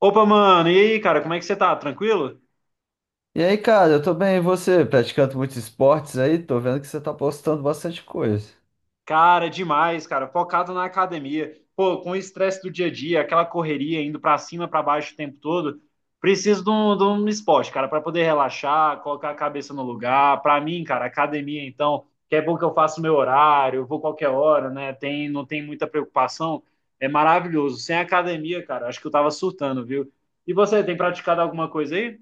Opa, mano, e aí, cara, como é que você tá? Tranquilo? E aí, cara, eu tô bem, e você? Praticando muitos esportes aí, tô vendo que você tá postando bastante coisa. Cara, demais, cara, focado na academia. Pô, com o estresse do dia a dia, aquela correria indo pra cima, pra baixo o tempo todo, preciso de um esporte, cara, pra poder relaxar, colocar a cabeça no lugar. Pra mim, cara, academia, então, que é bom que eu faço meu horário, eu vou qualquer hora, né? Não tem muita preocupação. É maravilhoso. Sem academia, cara, acho que eu tava surtando, viu? E você, tem praticado alguma coisa aí?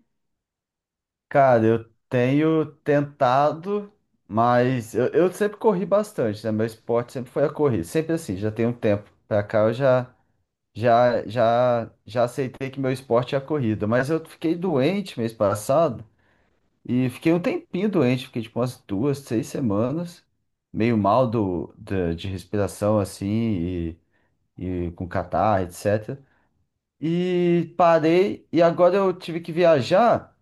Cara, eu tenho tentado, mas eu sempre corri bastante, né? Meu esporte sempre foi a corrida, sempre assim, já tem um tempo pra cá eu já, já aceitei que meu esporte é a corrida, mas eu fiquei doente mês passado e fiquei um tempinho doente, fiquei tipo umas duas, seis semanas, meio mal de respiração assim e, com catarro, etc. E parei, e agora eu tive que viajar,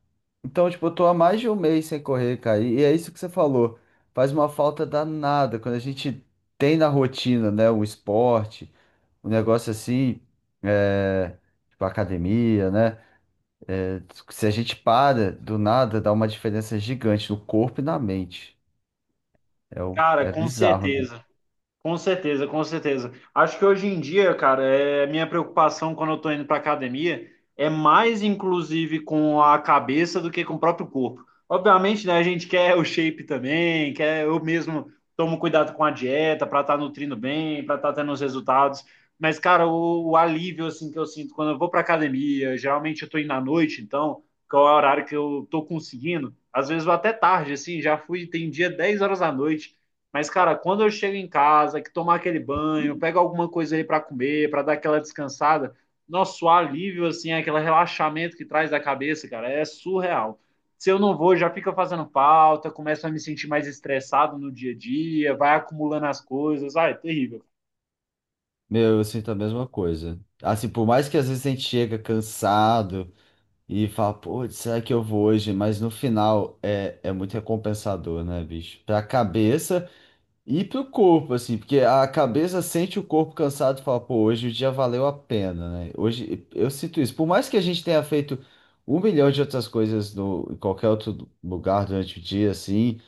então, tipo, eu tô há mais de um mês sem correr, cara. E é isso que você falou. Faz uma falta danada quando a gente tem na rotina, né? O esporte, um negócio assim, é, tipo, academia, né? Se a gente para do nada, dá uma diferença gigante no corpo e na mente. É, Cara, é com bizarro, né? certeza. Com certeza, com certeza. Acho que hoje em dia, cara, é minha preocupação quando eu tô indo pra academia é mais inclusive com a cabeça do que com o próprio corpo. Obviamente, né, a gente quer o shape também, quer eu mesmo tomo cuidado com a dieta para estar nutrindo bem, para estar tendo os resultados. Mas, cara, o alívio assim que eu sinto quando eu vou pra academia, geralmente eu tô indo à noite, então, que é o horário que eu tô conseguindo, às vezes vou até tarde assim, já fui, tem dia 10 horas da noite. Mas, cara, quando eu chego em casa, que tomar aquele banho, pego alguma coisa ali para comer, para dar aquela descansada, nosso alívio, assim, é aquele relaxamento que traz da cabeça, cara, é surreal. Se eu não vou, já fica fazendo falta, começo a me sentir mais estressado no dia a dia, vai acumulando as coisas, ah, é terrível. Meu, eu sinto a mesma coisa. Assim, por mais que às vezes a gente chega cansado. E fala, pô, será que eu vou hoje? Mas no final é muito recompensador, né, bicho? Pra cabeça e pro corpo, assim, porque a cabeça sente o corpo cansado e fala, pô, hoje o dia valeu a pena, né? Hoje eu sinto isso. Por mais que a gente tenha feito um milhão de outras coisas no, em qualquer outro lugar durante o dia, assim.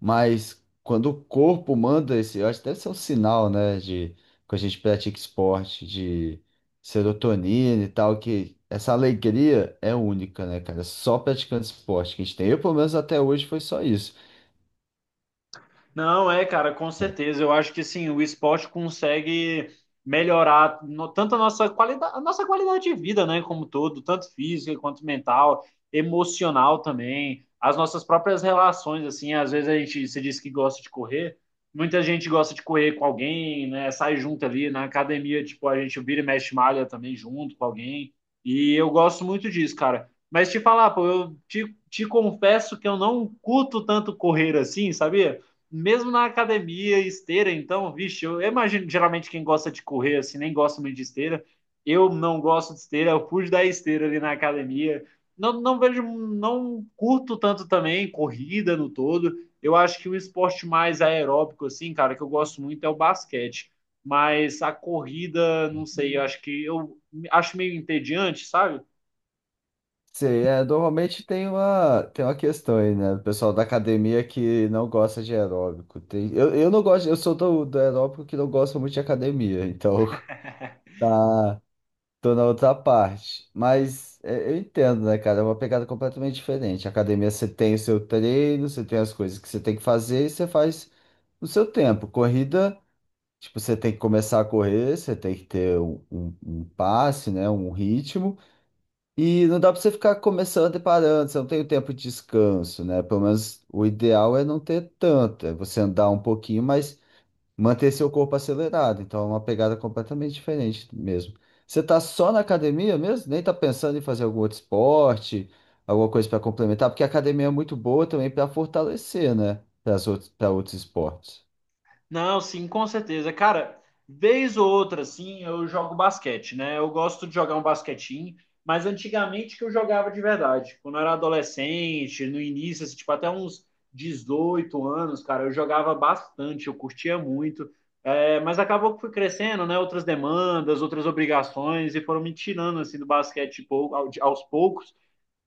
Mas quando o corpo manda esse, eu acho que deve ser um sinal, né, de quando a gente pratica esporte, de serotonina e tal, que essa alegria é única, né, cara? Só praticando esporte que a gente tem. Eu, pelo menos até hoje, foi só isso. Não, é, cara, com certeza. Eu acho que sim, o esporte consegue melhorar tanto a nossa qualidade de vida, né, como todo, tanto física quanto mental, emocional também, as nossas próprias relações, assim, às vezes a gente se diz que gosta de correr, muita gente gosta de correr com alguém, né, sai junto ali na academia, tipo, a gente vira e mexe malha também junto com alguém, e eu gosto muito disso, cara. Mas te falar, pô, eu te confesso que eu não curto tanto correr assim, sabia? Mesmo na academia, esteira, então, vixe, eu imagino geralmente quem gosta de correr assim, nem gosta muito de esteira. Eu não gosto de esteira, eu fujo da esteira ali na academia. Não vejo, não curto tanto também corrida no todo. Eu acho que um esporte mais aeróbico, assim, cara, que eu gosto muito é o basquete. Mas a corrida, não sei, eu acho que eu acho meio entediante, sabe? Sei, é, normalmente tem uma questão aí, né? O pessoal da academia que não gosta de aeróbico. Tem, eu não gosto, eu sou do aeróbico que não gosta muito de academia, então tá. Tô na outra parte. Mas é, eu entendo, né, cara? É uma pegada completamente diferente. A academia, você tem o seu treino, você tem as coisas que você tem que fazer e você faz no seu tempo. Corrida, tipo, você tem que começar a correr, você tem que ter um passe, né? Um ritmo. E não dá pra você ficar começando e parando, você não tem o tempo de descanso, né? Pelo menos o ideal é não ter tanto, é você andar um pouquinho, mas manter seu corpo acelerado. Então é uma pegada completamente diferente mesmo. Você tá só na academia mesmo? Nem tá pensando em fazer algum outro esporte, alguma coisa para complementar, porque a academia é muito boa também para fortalecer, né? Para outros esportes. Não, sim, com certeza. Cara, vez ou outra, assim, eu jogo basquete, né? Eu gosto de jogar um basquetinho, mas antigamente que eu jogava de verdade. Quando eu era adolescente, no início, assim, tipo, até uns 18 anos, cara, eu jogava bastante, eu curtia muito. É, mas acabou que fui crescendo, né? Outras demandas, outras obrigações, e foram me tirando, assim, do basquete pou- ao- aos poucos.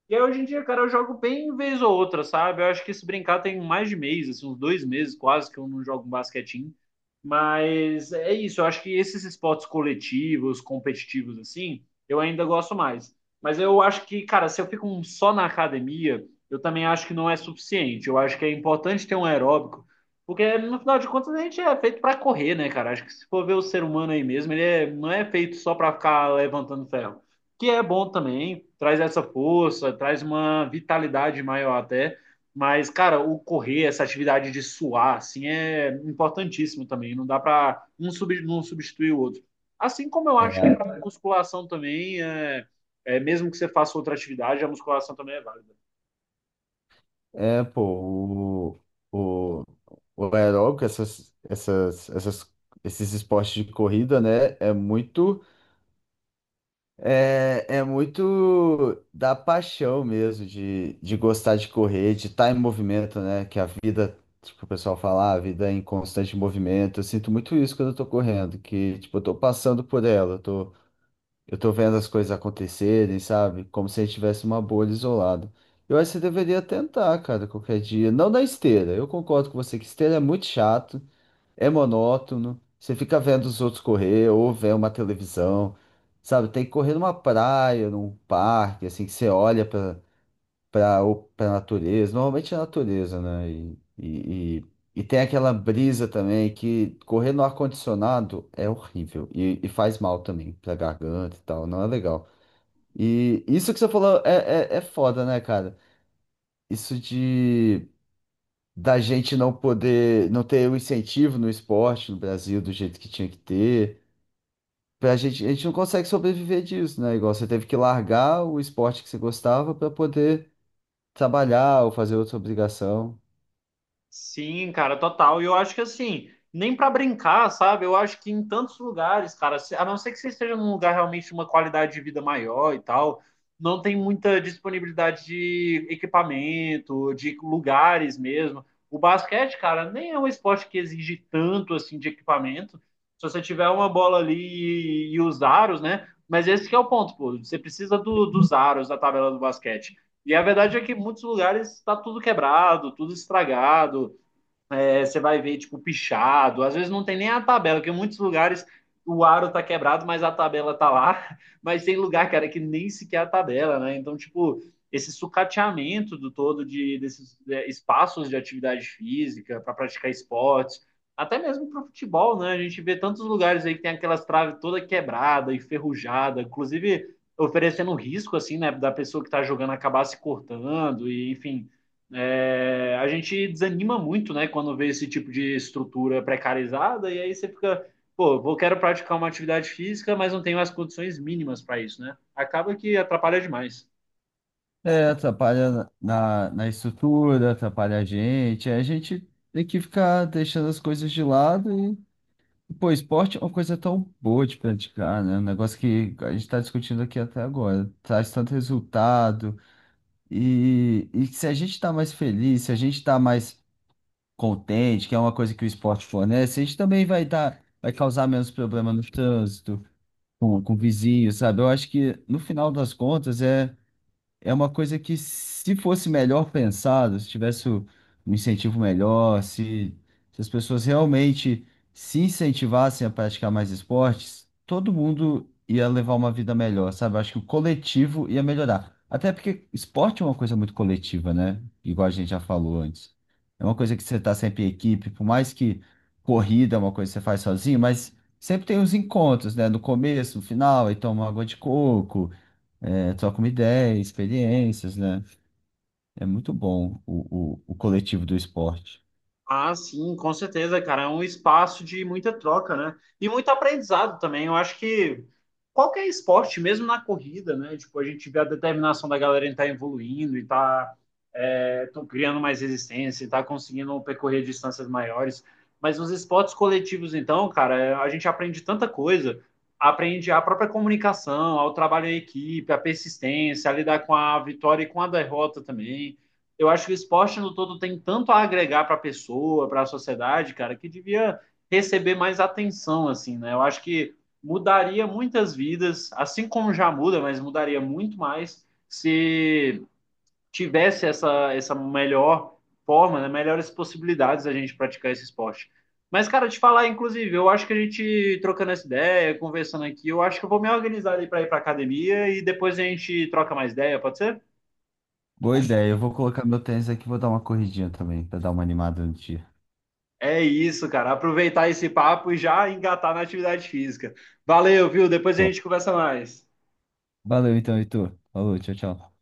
E aí, hoje em dia, cara, eu jogo bem vez ou outra, sabe? Eu acho que se brincar tem mais de mês, assim, uns 2 meses quase que eu não jogo um basquetinho. Mas é isso, eu acho que esses esportes coletivos, competitivos, assim, eu ainda gosto mais. Mas eu acho que, cara, se eu fico só na academia, eu também acho que não é suficiente. Eu acho que é importante ter um aeróbico, porque no final de contas a gente é feito pra correr, né, cara? Acho que se for ver o ser humano aí mesmo, não é feito só pra ficar levantando ferro que é bom também, traz essa força, traz uma vitalidade maior até. Mas, cara, o correr, essa atividade de suar, assim, é importantíssimo também. Não dá para não substituir o outro. Assim como eu acho que É, para musculação também, mesmo que você faça outra atividade, a musculação também é válida. é, pô, o, o, o aeróbico, essas, esses esportes de corrida, né? É muito. É, é muito da paixão mesmo, de gostar de correr, de estar em movimento, né? Que a vida, tipo, o pessoal fala, "Ah, a vida é em constante movimento". Eu sinto muito isso quando eu tô correndo, que, tipo, eu tô passando por ela, eu tô vendo as coisas acontecerem, sabe? Como se a gente tivesse uma bolha isolada. Eu acho que você deveria tentar, cara, qualquer dia. Não na esteira, eu concordo com você que esteira é muito chato, é monótono. Você fica vendo os outros correr ou vendo uma televisão, sabe? Tem que correr numa praia, num parque, assim, que você olha para para natureza. Normalmente é natureza, né? E tem aquela brisa também que correr no ar-condicionado é horrível e faz mal também pra garganta e tal, não é legal. E isso que você falou é foda, né, cara? Isso de da gente não poder, não ter o incentivo no esporte no Brasil do jeito que tinha que ter. Pra gente, a gente não consegue sobreviver disso, né? Igual você teve que largar o esporte que você gostava para poder trabalhar ou fazer outra obrigação. Sim, cara, total. E eu acho que assim, nem pra brincar, sabe? Eu acho que em tantos lugares, cara, a não ser que você esteja num lugar realmente de uma qualidade de vida maior e tal, não tem muita disponibilidade de equipamento, de lugares mesmo. O basquete, cara, nem é um esporte que exige tanto assim de equipamento. Se você tiver uma bola ali e os aros, né? Mas esse que é o ponto, pô. Você precisa dos aros da tabela do basquete. E a verdade é que em muitos lugares está tudo quebrado, tudo estragado, é, você vai ver, tipo, pichado. Às vezes não tem nem a tabela, porque em muitos lugares o aro tá quebrado, mas a tabela tá lá. Mas tem lugar, cara, que nem sequer a tabela, né? Então, tipo, esse sucateamento do todo desses é, espaços de atividade física para praticar esportes, até mesmo para o futebol, né? A gente vê tantos lugares aí que tem aquelas traves toda quebrada, enferrujada, inclusive oferecendo risco, assim, né, da pessoa que está jogando acabar se cortando, e enfim, é, a gente desanima muito, né, quando vê esse tipo de estrutura precarizada, e aí você fica, pô, vou quero praticar uma atividade física, mas não tenho as condições mínimas para isso, né? Acaba que atrapalha demais. É, atrapalha na estrutura, atrapalha a gente. Aí a gente tem que ficar deixando as coisas de lado e, pô, esporte é uma coisa tão boa de praticar, né? Um negócio que a gente está discutindo aqui até agora. Traz tanto resultado. E se a gente está mais feliz, se a gente está mais contente, que é uma coisa que o esporte fornece, a gente também vai dar, vai causar menos problema no trânsito, com o vizinho, sabe? Eu acho que no final das contas é uma coisa que, se fosse melhor pensado, se tivesse um incentivo melhor, se as pessoas realmente se incentivassem a praticar mais esportes, todo mundo ia levar uma vida melhor, sabe? Eu acho que o coletivo ia melhorar. Até porque esporte é uma coisa muito coletiva, né? Igual a gente já falou antes. É uma coisa que você está sempre em equipe, por mais que corrida é uma coisa que você faz sozinho, mas sempre tem os encontros, né? No começo, no final, aí toma uma água de coco, é, trocam uma ideia, experiências, né? É muito bom o coletivo do esporte. Ah, sim, com certeza, cara. É um espaço de muita troca, né? E muito aprendizado também. Eu acho que qualquer esporte, mesmo na corrida, né? Tipo, a gente vê a determinação da galera em estar evoluindo e tá, é, tão criando mais resistência, e tá conseguindo percorrer distâncias maiores. Mas nos esportes coletivos, então, cara, é, a gente aprende tanta coisa. Aprende a própria comunicação, ao trabalho em equipe, a persistência, a lidar com a vitória e com a derrota também eu acho que o esporte no todo tem tanto a agregar para a pessoa, para a sociedade, cara, que devia receber mais atenção, assim, né? Eu acho que mudaria muitas vidas, assim como já muda, mas mudaria muito mais se tivesse essa melhor forma, né? Melhores possibilidades da gente praticar esse esporte. Mas, cara, te falar, inclusive, eu acho que a gente trocando essa ideia, conversando aqui, eu acho que eu vou me organizar ali para ir para academia e depois a gente troca mais ideia, pode ser? Boa ideia, eu vou colocar meu tênis aqui e vou dar uma corridinha também, para dar uma animada no dia. É isso, cara. Aproveitar esse papo e já engatar na atividade física. Valeu, viu? Depois a Top. gente conversa mais. Valeu então, Heitor. Falou, tchau, tchau.